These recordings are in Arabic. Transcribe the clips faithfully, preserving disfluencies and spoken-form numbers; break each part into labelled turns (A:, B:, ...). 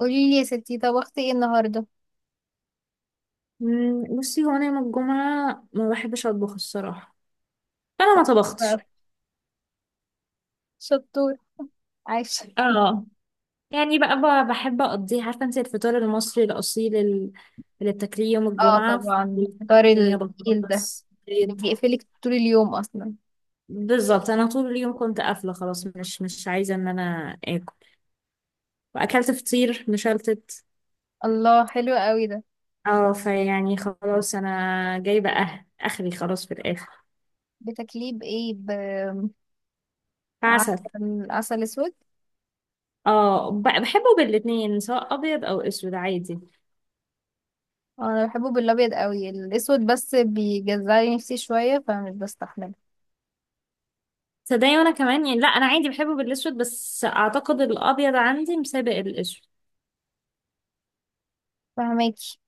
A: قولي لي يا ستي، طبختي ايه النهارده؟
B: مم، بصي هو انا يوم الجمعه ما بحبش اطبخ الصراحه. فانا ما طبختش.
A: بقى. شطور. عايشة.
B: اه، يعني بقى ب- بحب اقضيه، عارفه انت الفطار المصري الاصيل ال- اللي بتاكليه يوم
A: اه،
B: الجمعه،
A: طبعا فطار
B: هي
A: التقيل ده
B: بطاطس
A: اللي
B: بيض.
A: بيقفلك طول اليوم اصلا.
B: بالظبط، انا طول اليوم كنت قافله خلاص، مش مش عايزه ان انا اكل. واكلت فطير مشلتت.
A: الله، حلو قوي ده.
B: اه، فيعني خلاص انا جايبه أه- اخري خلاص في الاخر.
A: بتاكليه بايه؟ بعسل؟
B: فعسل.
A: عسل اسود؟
B: اه، ب- بحبه بالاتنين، سواء ابيض او اسود، عادي.
A: انا بحبه بالابيض قوي، الاسود بس بيجزعلي نفسي شويه فمش بستحمله.
B: صدقني وانا كمان، يعني لا، انا عادي بحبه بالاسود، بس اعتقد الابيض عندي مسابق الاسود.
A: فهماكي.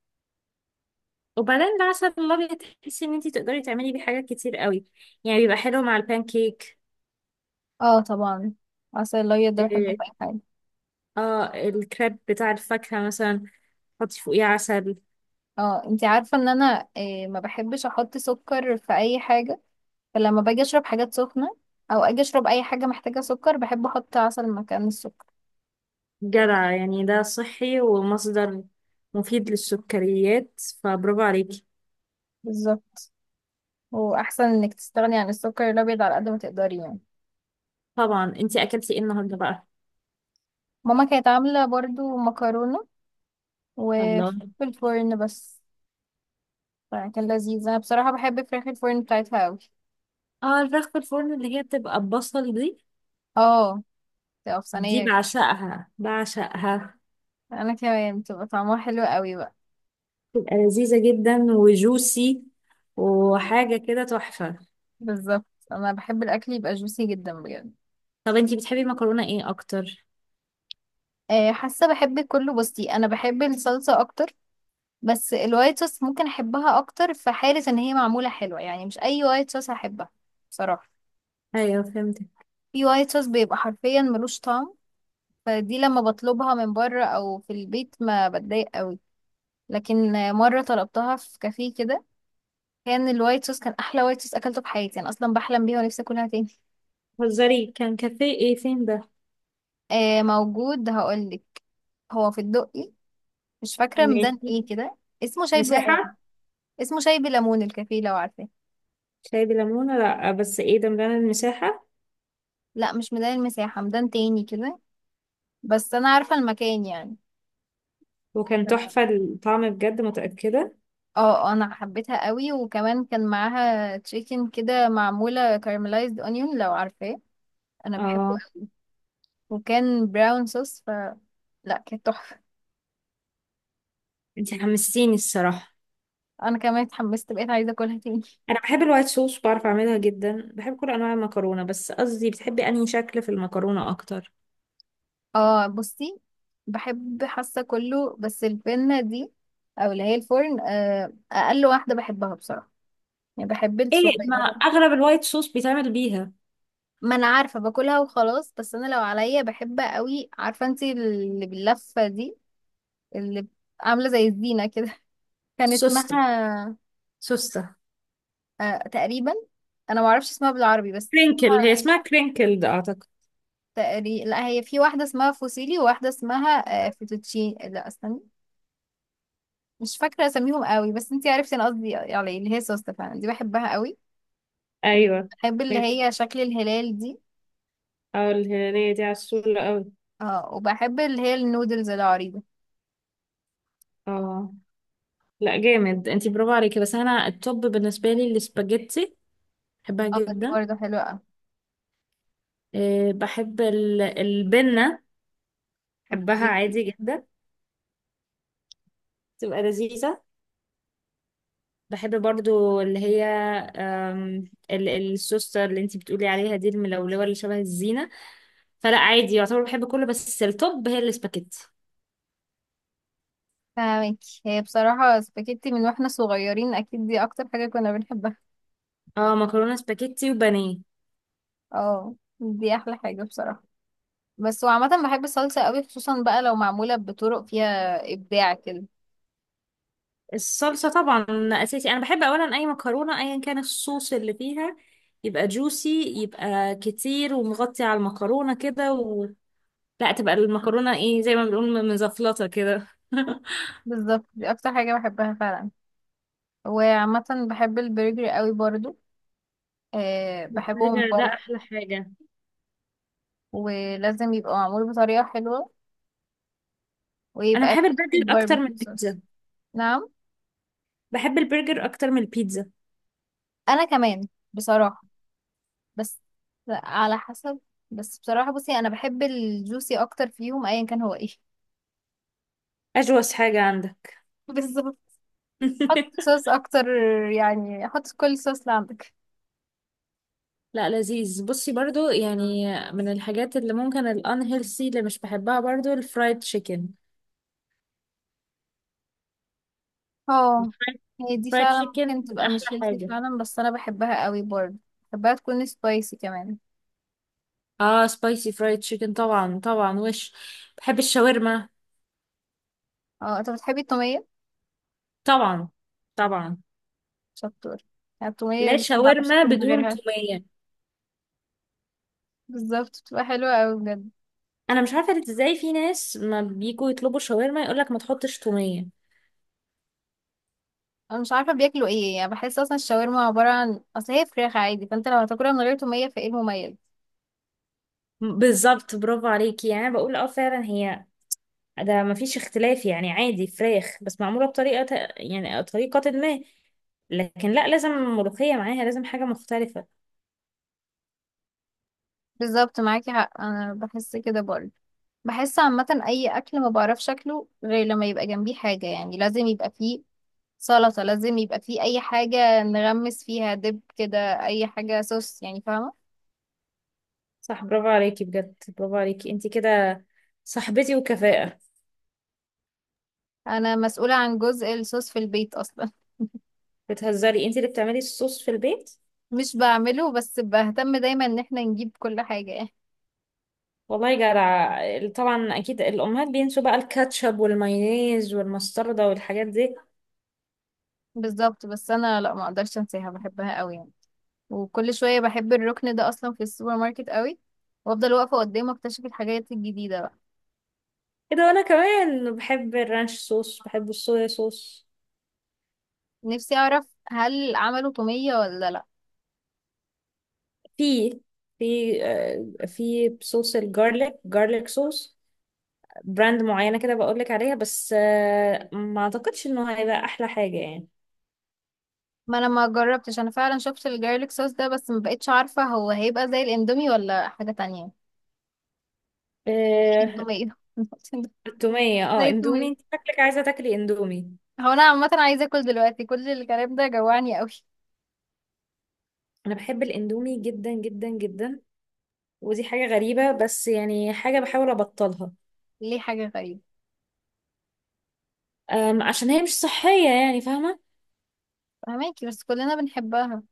B: وبعدين العسل الابيض تحسي ان انتي تقدري تعملي بيه حاجات كتير قوي. يعني بيبقى حلو مع البانكيك.
A: اه طبعا. عسل الابيض ده بحبه
B: اه،
A: في اي حاجه.
B: آه، الكريب بتاع الفاكهة مثلا، حطي فوقيه عسل.
A: اه، انتي عارفه ان انا آه، ما بحبش احط سكر في اي حاجه. فلما باجي اشرب حاجات سخنة او اجي اشرب اي حاجة محتاجة سكر، بحب احط عسل مكان السكر.
B: جدع، يعني ده صحي ومصدر مفيد للسكريات، فبرافو عليكي.
A: بالظبط. واحسن انك تستغني عن السكر الابيض على قد ما تقدري يعني.
B: طبعا. انتي اكلتي ايه النهارده بقى؟
A: ماما كانت عاملة برضو مكرونة وفي
B: الله.
A: الفرن بس، فكان لذيذ. انا بصراحة بحب فراخ الفرن بتاعتها اوي.
B: اه، الفراخ في الفرن اللي هي بتبقى بصل دي،
A: اه، تبقى في
B: دي
A: صينية.
B: بعشقها بعشقها.
A: انا كمان، بتبقى طعمها حلو اوي بقى.
B: تبقى لذيذة جدا وجوسي، وحاجة كده تحفة.
A: بالظبط. انا بحب الاكل يبقى جوسي جدا بجد.
B: طب انتي بتحبي المكرونة ايه اكتر؟
A: آه، حاسة بحب كله، بصي انا بحب الصلصة اكتر، بس الوايت صوص ممكن احبها اكتر في حالة ان هي معمولة حلوة. يعني مش اي وايت صوص هحبها بصراحة.
B: ايوه، فهمتك.
A: في وايت صوص بيبقى حرفيا ملوش طعم، فدي لما بطلبها من بره او في البيت ما بتضايق قوي. لكن مرة طلبتها في كافيه كده، كان الوايت صوص كان احلى وايت صوص اكلته في حياتي. انا اصلا بحلم بيها ونفسي اكلها تاني.
B: هزاري، كان كافيه ايه فين ده؟
A: آه، موجود، هقولك. هو في الدقي، مش فاكرة ميدان
B: ماشي.
A: ايه كده. اسمه شاي ب...
B: مساحة.
A: اسمه شاي بليمون، الكافيه لو عارفاه.
B: شاي بليمونة؟ لا، بس ايه ده، مليانة المساحة.
A: لا، مش ميدان المساحة، ميدان تاني كده. بس انا عارفة المكان يعني.
B: وكان تحفة الطعم بجد، متأكدة؟
A: اه. آه، انا حبيتها قوي، وكمان كان معاها تشيكن كده معمولة كارملايزد اونيون لو عارفاه. انا بحبه
B: اه.
A: أوي. وكان براون صوص ف لا، كانت تحفة.
B: انتي حمستيني الصراحة.
A: انا كمان اتحمست، بقيت عايزة اكلها تاني.
B: انا بحب الوايت صوص، بعرف اعملها جدا، بحب كل انواع المكرونة، بس قصدي بتحبي انهي شكل في المكرونة اكتر؟
A: اه، بصي، بحب حاسة كله، بس البنة دي، او اللي هي الفرن آه، اقل واحدة بحبها بصراحة. يعني بحب
B: ايه، ما
A: الصغيرة.
B: اغلب الوايت صوص بيتعمل بيها.
A: ما انا عارفة باكلها وخلاص، بس انا لو عليا بحب قوي. عارفة انتي اللي باللفة دي اللي عاملة زي الزينة كده؟ كان
B: سوسته،
A: اسمها
B: سوسته.
A: آه، تقريبا. انا ما اعرفش اسمها بالعربي بس
B: كرينكل، هي
A: اسمها
B: اسمها كرينكل ده اعتقد.
A: تقريبا. لا، هي في واحدة اسمها فوسيلي، وواحدة اسمها آه فيتوتشين، لا استني، مش فاكرة اساميهم قوي. بس انتي عرفتي انا قصدي على ايه، اللي هي سوستة فعلا، دي بحبها قوي.
B: ايوه.
A: وبحب اللي
B: ميكي.
A: هي شكل الهلال دي.
B: اه الهنية دي عسولة قوي.
A: اه، وبحب اللي هي النودلز العريضة.
B: اه. لا، جامد، انتي برافو عليكي. بس انا التوب بالنسبة لي السباجيتي، بحبها
A: اه دي
B: جدا.
A: برضه حلوة قوي.
B: أه، بحب ال- البنة، بحبها
A: اوكي.
B: عادي جدا. تبقى لذيذة. بحب برضو اللي هي، أم، ال- السوستر اللي انتي بتقولي عليها دي، الملولوة اللي شبه الزينة. فلا عادي، يعتبر بحب كله، بس التوب هي السباجيتي.
A: فاهمكي، هي بصراحة سباجيتي من واحنا صغيرين، اكيد دي اكتر حاجة كنا بنحبها.
B: اه، مكرونة سباجيتي وبانيه.
A: اه دي احلى حاجة بصراحة. بس وعامة بحب الصلصة قوي، خصوصا بقى لو معمولة بطرق فيها إبداع كده.
B: الصلصة طبعا أساسي. أنا بحب أولا أي مكرونة أيا كان الصوص اللي فيها، يبقى جوسي، يبقى كتير ومغطي على المكرونة كده، و... لا، تبقى المكرونة إيه، زي ما بنقول مزفلطة كده
A: بالظبط، دي أكتر حاجة بحبها فعلا. وعامة بحب البرجر قوي برضو. أه بحبه من
B: البرجر ده
A: بره،
B: أحلى حاجة.
A: ولازم يبقى معمول بطريقة حلوة،
B: أنا
A: ويبقى
B: بحب
A: فيه
B: البرجر أكتر من
A: باربيكيو صوص.
B: البيتزا.
A: نعم.
B: بحب البرجر أكتر من البيتزا.
A: أنا كمان بصراحة، بس على حسب. بس بصراحة بصي، أنا بحب الجوسي أكتر فيهم أيا كان هو إيه.
B: أجوز حاجة عندك.
A: بالظبط. حط صوص أكتر، يعني حط كل صوص اللي عندك.
B: لا، لذيذ، بصي برضو يعني. من الحاجات اللي ممكن الانهيلثي اللي مش بحبها برضو، الفرايد تشيكن.
A: اه، هي دي
B: فرايد
A: فعلا
B: تشيكن
A: ممكن تبقى
B: أحلى
A: مشكلتي
B: حاجة.
A: فعلا، بس انا بحبها قوي برضه. بحبها تكون سبايسي كمان.
B: اه، سبايسي فرايد تشيكن طبعا، طبعا. وش بحب الشاورما.
A: اه، انت بتحبي التومية.
B: طبعا، طبعا.
A: شطور. يعني التومية
B: لا،
A: دي ما بعرفش
B: شاورما
A: اكل من
B: بدون
A: غيرها.
B: تومية؟
A: بالظبط، بتبقى حلوة قوي بجد.
B: انا مش عارفة ازاي في ناس ما بيجوا يطلبوا شاورما يقولك ما تحطش تومية.
A: انا مش عارفة بياكلوا ايه يعني، بحس اصلا الشاورما عبارة عن اصل هي فراخ عادي. فانت لو هتاكلها من غير تومية، فايه المميز؟
B: بالظبط، برافو عليكي يعني. أنا بقول اه فعلا، هي ده ما فيش اختلاف، يعني عادي فراخ بس معمولة بطريقة، ت- يعني طريقة ما. لكن لا، لازم ملوخية معاها، لازم حاجة مختلفة.
A: بالظبط، معاكي حق، انا بحس كده برضه. بحس عامة اي اكل ما بعرفش اكله غير لما يبقى جنبيه حاجة، يعني لازم يبقى فيه سلطة، لازم يبقى فيه أي حاجة نغمس فيها دب كده، أي حاجة صوص يعني، فاهمة.
B: صح، برافو عليكي بجد، برافو عليكي انتي كده، صاحبتي وكفاءة.
A: أنا مسؤولة عن جزء الصوص في البيت أصلا.
B: بتهزري؟ انت اللي بتعملي الصوص في البيت؟
A: مش بعمله، بس بهتم دايما إن احنا نجيب كل حاجة يعني.
B: والله جدع. طبعا اكيد الامهات بينسوا بقى الكاتشب والمايونيز والمستردة والحاجات دي.
A: بالظبط، بس أنا لأ، ما أقدرش أنساها، بحبها قوي يعني. وكل شوية بحب الركن ده أصلا في السوبر ماركت قوي، وأفضل واقفة قدامه أكتشف الحاجات الجديدة بقى.
B: ايه ده، وانا كمان بحب الرانش صوص، بحب الصويا صوص.
A: نفسي أعرف هل عملوا تومية ولا لأ.
B: في في آه، في صوص الجارليك، جارليك صوص، براند معينة كده بقولك عليها، بس آه، ما اعتقدش انه هيبقى احلى حاجة يعني.
A: ما انا ما جربتش، انا فعلا شفت الجارليك صوص ده بس ما بقتش عارفه هو هيبقى زي الاندومي ولا حاجه تانية.
B: آه،
A: اكيد تومية.
B: التومية. اه
A: زي
B: اندومي،
A: التومية.
B: انت شكلك عايزة تاكلي اندومي.
A: هو انا عامة عايزة اكل دلوقتي، كل الكلام ده جوعني قوي.
B: انا بحب الاندومي جدا جدا جدا. ودي حاجة غريبة، بس يعني حاجة بحاول أبطلها.
A: ليه حاجة غريبة؟
B: أم، عشان هي مش صحية، يعني فاهمة.
A: فهماكي بس كلنا بنحبها.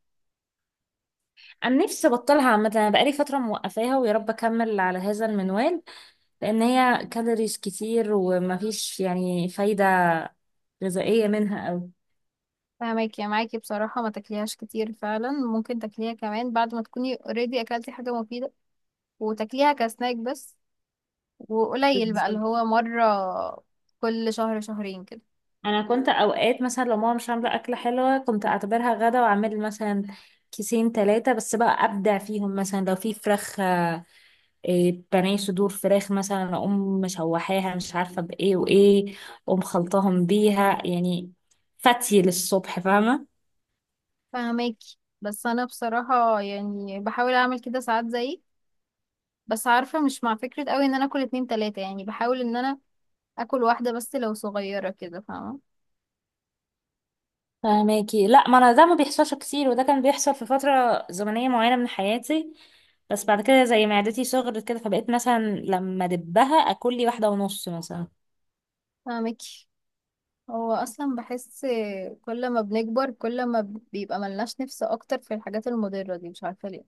B: أنا نفسي أبطلها عامة، أنا بقالي فترة موقفاها، ويا رب أكمل على هذا المنوال. لأن هي كالوريز كتير، ومفيش يعني فايدة غذائية منها أوي.
A: فهماكي، يا معاكي بصراحة، ما تاكليهاش كتير فعلا، ممكن تاكليها كمان بعد ما تكوني اوريدي اكلتي حاجة مفيدة، وتاكليها كسناك بس، وقليل بقى اللي
B: بالظبط.
A: هو مرة كل شهر شهرين كده.
B: أنا كنت أوقات مثلا لو ماما مش عاملة أكلة حلوة كنت أعتبرها غدا، وأعمل مثلا كيسين تلاتة، بس بقى أبدع فيهم. مثلا لو في فراخ، إيه، بانيه صدور فراخ مثلا، اقوم مشوحاها مش عارفه بايه وايه، اقوم خلطاهم بيها يعني، فتي للصبح، فاهمه.
A: فهماكي، بس انا بصراحة يعني بحاول اعمل كده ساعات زيك، بس عارفة مش مع فكرة قوي ان انا اكل اتنين تلاتة. يعني بحاول ان انا اكل واحدة بس لو صغيرة كده، فاهمة.
B: فاهماكي. لا، ما انا ده ما بيحصلش كتير، وده كان بيحصل في فتره زمنيه معينه من حياتي. بس بعد كده زي معدتي صغرت كده، فبقيت مثلا لما دبها اكل لي واحده ونص مثلا.
A: فاهمك. هو اصلا بحس، كل ما بنكبر كل ما بيبقى ملناش نفس اكتر في الحاجات المضرة دي، مش عارفة ليه.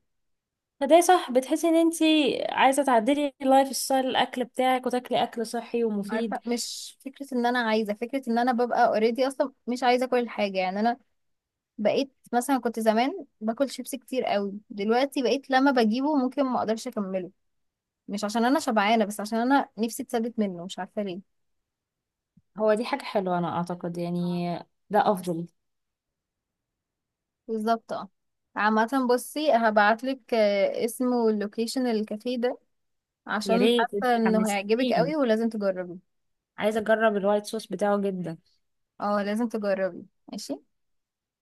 B: فده صح، بتحسي ان انتي عايزه تعدلي اللايف ستايل الاكل بتاعك وتاكلي اكل صحي
A: عارفة،
B: ومفيد.
A: مش فكرة ان انا عايزة، فكرة ان انا ببقى اوريدي اصلا مش عايزة كل حاجة يعني. انا بقيت مثلا، كنت زمان باكل شيبسي كتير قوي، دلوقتي بقيت لما بجيبه ممكن ما اقدرش اكمله. مش عشان انا شبعانة، بس عشان انا نفسي اتثبت منه، مش عارفة ليه.
B: هو دي حاجه حلوه انا اعتقد يعني، ده افضل.
A: بالظبط. اه، عامة بصي هبعتلك آه، اسمه اللوكيشن الكافيه ده،
B: يا
A: عشان
B: ريت. انت
A: حاسة انه هيعجبك
B: حمستيني،
A: قوي ولازم تجربي.
B: عايزه اجرب الوايت صوص بتاعه جدا.
A: اه لازم تجربي. ماشي.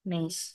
B: ماشي.